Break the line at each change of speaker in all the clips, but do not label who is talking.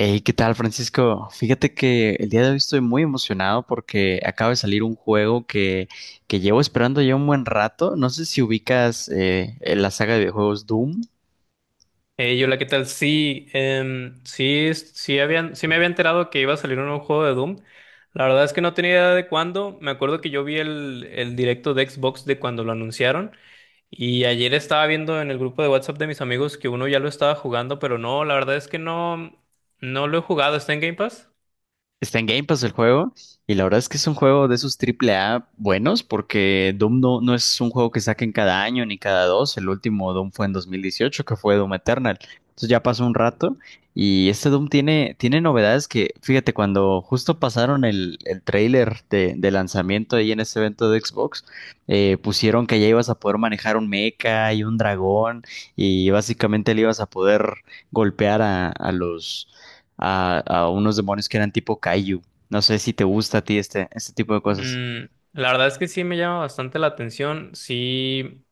Hey, ¿qué tal, Francisco? Fíjate que el día de hoy estoy muy emocionado porque acaba de salir un juego que llevo esperando ya un buen rato. No sé si ubicas la saga de videojuegos Doom.
Hey, hola, ¿qué tal? Sí, sí, sí, sí me había enterado que iba a salir un nuevo juego de Doom. La verdad es que no tenía idea de cuándo. Me acuerdo que yo vi el directo de Xbox de cuando lo anunciaron. Y ayer estaba viendo en el grupo de WhatsApp de mis amigos que uno ya lo estaba jugando, pero no, la verdad es que no, no lo he jugado. ¿Está en Game Pass?
Está en Game Pass el juego y la verdad es que es un juego de esos triple A buenos porque Doom no, no es un juego que saquen cada año ni cada dos. El último Doom fue en 2018, que fue Doom Eternal. Entonces ya pasó un rato y este Doom tiene novedades que, fíjate, cuando justo pasaron el tráiler de lanzamiento ahí en ese evento de Xbox, pusieron que ya ibas a poder manejar un mecha y un dragón y básicamente le ibas a poder golpear a los a unos demonios que eran tipo Kaiju. No sé si te gusta a ti este tipo de cosas.
Mm, la verdad es que sí me llama bastante la atención. Sí,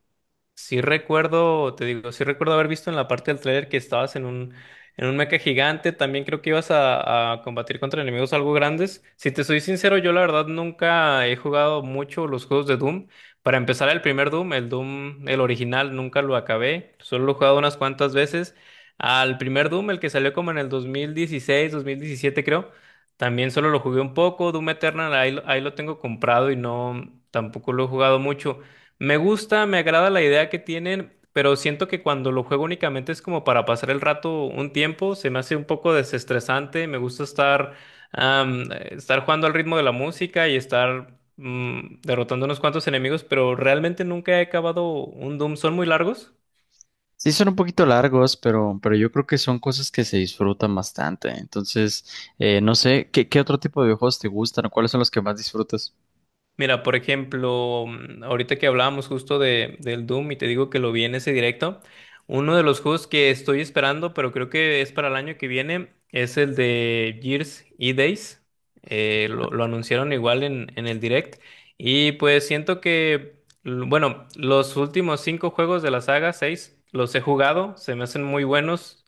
sí recuerdo, te digo, sí recuerdo haber visto en la parte del trailer que estabas en en un mecha gigante. También creo que ibas a combatir contra enemigos algo grandes. Si te soy sincero, yo la verdad nunca he jugado mucho los juegos de Doom. Para empezar, el primer Doom, el original, nunca lo acabé. Solo lo he jugado unas cuantas veces. Al primer Doom, el que salió como en el 2016, 2017 creo, también solo lo jugué un poco. Doom Eternal, ahí lo tengo comprado y no, tampoco lo he jugado mucho. Me gusta, me agrada la idea que tienen, pero siento que cuando lo juego únicamente es como para pasar el rato un tiempo, se me hace un poco desestresante, me gusta estar, estar jugando al ritmo de la música y estar derrotando unos cuantos enemigos, pero realmente nunca he acabado un Doom. ¿Son muy largos?
Sí, son un poquito largos, pero yo creo que son cosas que se disfrutan bastante. Entonces, no sé, ¿qué otro tipo de videojuegos te gustan o cuáles son los que más disfrutas?
Mira, por ejemplo, ahorita que hablábamos justo del Doom y te digo que lo vi en ese directo, uno de los juegos que estoy esperando, pero creo que es para el año que viene, es el de Gears E-Days. Lo anunciaron igual en el direct. Y pues siento que, bueno, los últimos cinco juegos de la saga, seis, los he jugado, se me hacen muy buenos.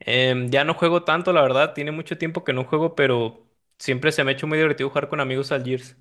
Ya no juego tanto, la verdad, tiene mucho tiempo que no juego, pero siempre se me ha hecho muy divertido jugar con amigos al Gears.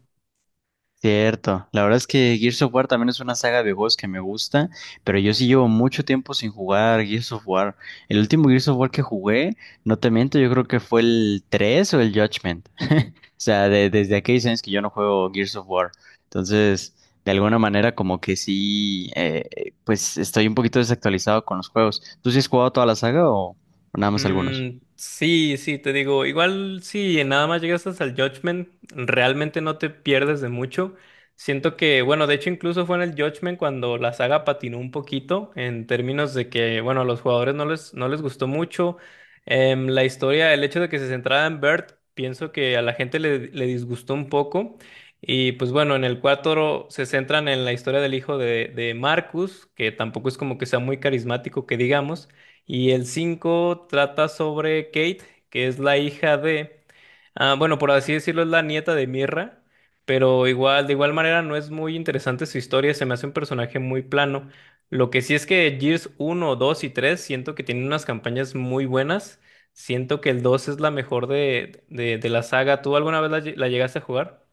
Cierto, la verdad es que Gears of War también es una saga de juegos que me gusta, pero yo sí llevo mucho tiempo sin jugar Gears of War. El último Gears of War que jugué, no te miento, yo creo que fue el 3 o el Judgment. O sea, desde aquellos años que yo no juego Gears of War. Entonces, de alguna manera como que sí, pues estoy un poquito desactualizado con los juegos. ¿Tú sí has jugado toda la saga o nada más algunos?
Mm, sí, sí, te digo, igual si nada más llegas hasta el Judgment, realmente no te pierdes de mucho. Siento que, bueno, de hecho incluso fue en el Judgment cuando la saga patinó un poquito en términos de que, bueno, a los jugadores no les gustó mucho. La historia, el hecho de que se centrara en Bert, pienso que a la gente le disgustó un poco. Y pues bueno, en el 4 se centran en la historia del hijo de Marcus, que tampoco es como que sea muy carismático, que digamos. Y el 5 trata sobre Kate, que es la hija de, ah, bueno, por así decirlo, es la nieta de Mirra, pero igual, de igual manera no es muy interesante su historia, se me hace un personaje muy plano. Lo que sí es que Gears uno, 2 y 3 siento que tienen unas campañas muy buenas, siento que el 2 es la mejor de la saga. ¿Tú alguna vez la la llegaste a jugar?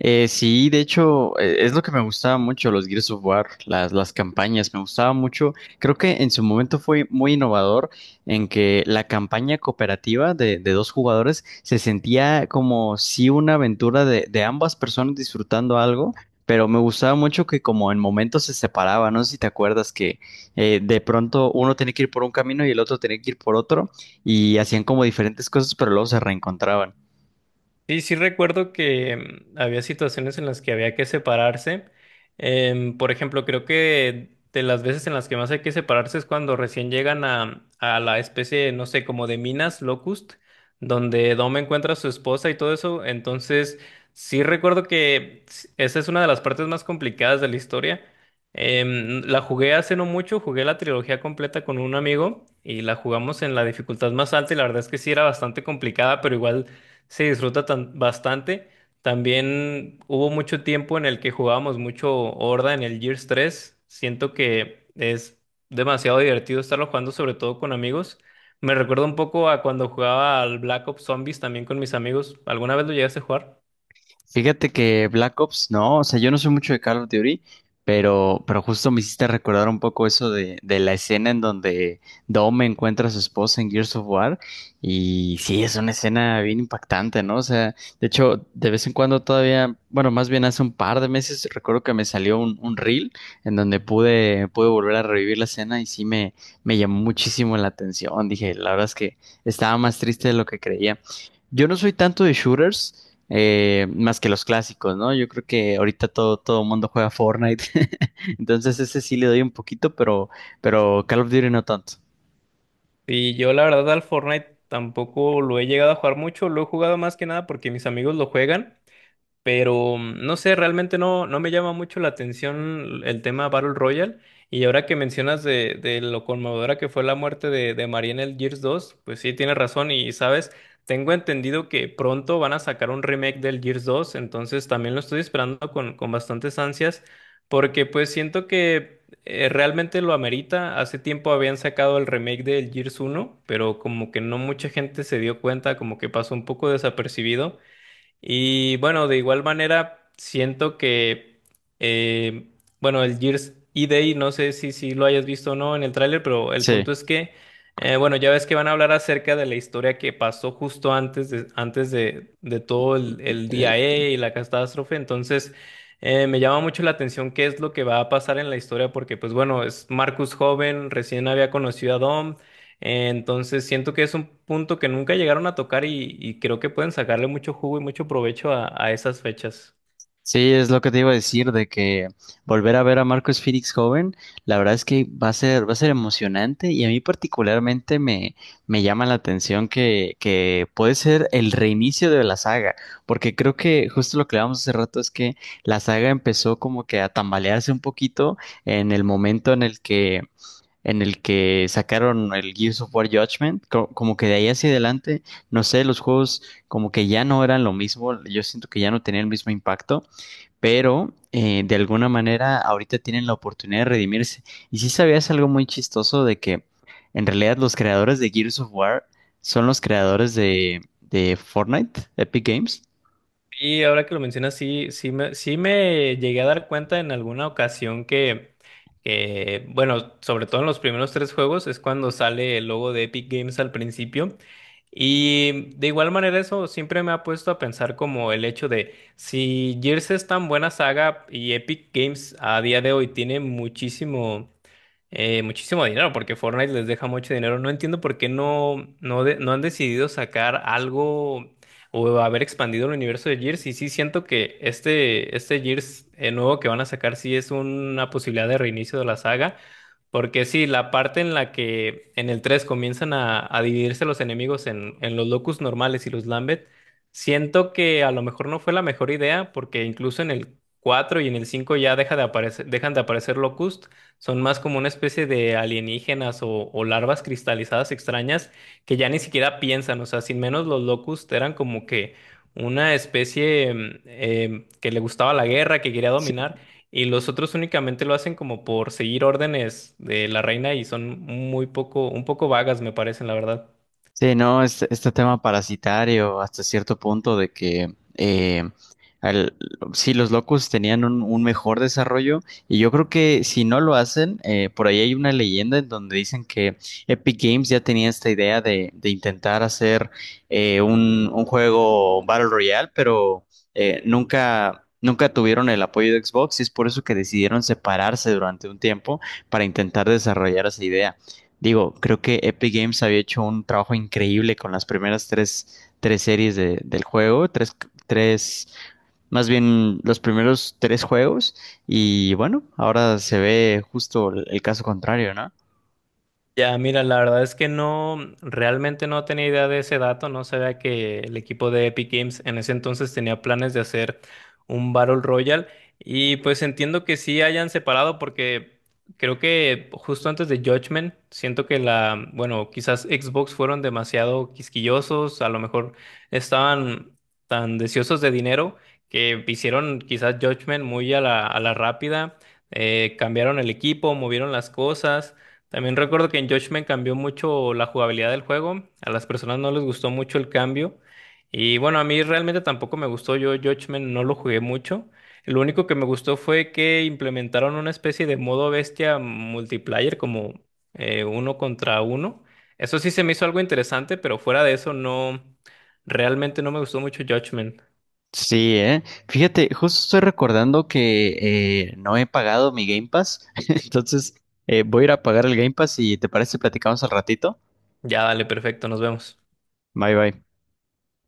Sí, de hecho, es lo que me gustaba mucho los Gears of War, las campañas, me gustaba mucho. Creo que en su momento fue muy innovador en que la campaña cooperativa de dos jugadores se sentía como si una aventura de ambas personas disfrutando algo, pero me gustaba mucho que como en momentos se separaba, no sé si te acuerdas que de pronto uno tenía que ir por un camino y el otro tenía que ir por otro y hacían como diferentes cosas, pero luego se reencontraban.
Sí, sí recuerdo que había situaciones en las que había que separarse. Por ejemplo, creo que de las veces en las que más hay que separarse es cuando recién llegan a la especie, no sé, como de minas Locust, donde Dom encuentra a su esposa y todo eso. Entonces, sí recuerdo que esa es una de las partes más complicadas de la historia. La jugué hace no mucho, jugué la trilogía completa con un amigo y la jugamos en la dificultad más alta y la verdad es que sí era bastante complicada, pero igual, se disfruta bastante. También hubo mucho tiempo en el que jugábamos mucho Horda en el Gears tres. Siento que es demasiado divertido estarlo jugando, sobre todo con amigos. Me recuerda un poco a cuando jugaba al Black Ops Zombies también con mis amigos. ¿Alguna vez lo llegaste a jugar?
Fíjate que Black Ops, no, o sea, yo no soy mucho de Call of Duty, pero justo me hiciste recordar un poco eso de la escena en donde Dom encuentra a su esposa en Gears of War, y sí, es una escena bien impactante, ¿no? O sea, de hecho, de vez en cuando todavía, bueno, más bien hace un par de meses, recuerdo que me salió un reel en donde pude volver a revivir la escena y sí me llamó muchísimo la atención. Dije, la verdad es que estaba más triste de lo que creía. Yo no soy tanto de shooters, más que los clásicos, ¿no? Yo creo que ahorita todo mundo juega Fortnite, entonces ese sí le doy un poquito, pero Call of Duty no tanto.
Y yo la verdad al Fortnite tampoco lo he llegado a jugar mucho. Lo he jugado más que nada porque mis amigos lo juegan. Pero no sé, realmente no, no me llama mucho la atención el tema Battle Royale. Y ahora que mencionas de lo conmovedora que fue la muerte de María en el Gears 2, pues sí, tienes razón. Y sabes, tengo entendido que pronto van a sacar un remake del Gears 2, entonces también lo estoy esperando con bastantes ansias, porque pues siento que realmente lo amerita. Hace tiempo habían sacado el remake del Gears 1, pero como que no mucha gente se dio cuenta, como que pasó un poco desapercibido. Y bueno, de igual manera, siento que, eh, bueno, el Gears E-Day, no sé si lo hayas visto o no en el tráiler, pero el
Sí,
punto es que, bueno, ya ves que van a hablar acerca de la historia que pasó justo antes de todo el
eh,
día E y la catástrofe. Entonces, me llama mucho la atención qué es lo que va a pasar en la historia, porque pues bueno, es Marcus joven, recién había conocido a Dom. Entonces siento que es un punto que nunca llegaron a tocar y creo que pueden sacarle mucho jugo y mucho provecho a esas fechas.
sí es lo que te iba a decir de que volver a ver a Marcus Phoenix joven, la verdad es que va a ser emocionante y a mí particularmente me llama la atención que puede ser el reinicio de la saga, porque creo que justo lo que hablábamos hace rato es que la saga empezó como que a tambalearse un poquito en el momento en el que sacaron el Gears of War Judgment. Como que de ahí hacia adelante, no sé, los juegos como que ya no eran lo mismo, yo siento que ya no tenían el mismo impacto, pero de alguna manera ahorita tienen la oportunidad de redimirse. Y sí sabías algo muy chistoso de que en realidad los creadores de Gears of War son los creadores de Fortnite, Epic Games.
Y ahora que lo mencionas, sí, sí me llegué a dar cuenta en alguna ocasión que, bueno, sobre todo en los primeros tres juegos es cuando sale el logo de Epic Games al principio. Y de igual manera eso siempre me ha puesto a pensar como el hecho de si Gears es tan buena saga y Epic Games a día de hoy tiene muchísimo muchísimo dinero, porque Fortnite les deja mucho dinero. No entiendo por qué no han decidido sacar algo o haber expandido el universo de Gears. Y sí siento que este Gears nuevo que van a sacar sí es una posibilidad de reinicio de la saga. Porque sí, la parte en la que en el 3 comienzan a dividirse los enemigos en los Locust normales y los Lambeth, siento que a lo mejor no fue la mejor idea, porque incluso en el 4 y en el 5 ya deja de aparecer, dejan de aparecer Locust, son más como una especie de alienígenas o larvas cristalizadas extrañas que ya ni siquiera piensan, o sea, sin menos los Locust eran como que una especie que le gustaba la guerra, que quería dominar. Y los otros únicamente lo hacen como por seguir órdenes de la reina y son muy poco, un poco vagas, me parecen, la verdad.
Sí, no, este tema parasitario hasta cierto punto de que al- sí, los locos tenían un mejor desarrollo y yo creo que si no lo hacen, por ahí hay una leyenda en donde dicen que Epic Games ya tenía esta idea de intentar hacer un juego Battle Royale, pero nunca... Nunca tuvieron el apoyo de Xbox y es por eso que decidieron separarse durante un tiempo para intentar desarrollar esa idea. Digo, creo que Epic Games había hecho un trabajo increíble con las primeras tres series del juego, tres, más bien los primeros tres juegos, y bueno, ahora se ve justo el caso contrario, ¿no?
Ya, mira, la verdad es que no, realmente no tenía idea de ese dato, no sabía que el equipo de Epic Games en ese entonces tenía planes de hacer un Battle Royale y pues entiendo que sí hayan separado porque creo que justo antes de Judgment, siento que la, bueno, quizás Xbox fueron demasiado quisquillosos, a lo mejor estaban tan deseosos de dinero que hicieron quizás Judgment muy a la rápida, cambiaron el equipo, movieron las cosas. También recuerdo que en Judgment cambió mucho la jugabilidad del juego. A las personas no les gustó mucho el cambio. Y bueno, a mí realmente tampoco me gustó. Yo Judgment no lo jugué mucho. Lo único que me gustó fue que implementaron una especie de modo bestia multiplayer, como uno contra uno. Eso sí se me hizo algo interesante, pero fuera de eso no, realmente no me gustó mucho Judgment.
Sí, eh. Fíjate, justo estoy recordando que no he pagado mi Game Pass, entonces voy a ir a pagar el Game Pass y ¿te parece si platicamos al ratito?
Ya, dale, perfecto, nos vemos.
Bye bye.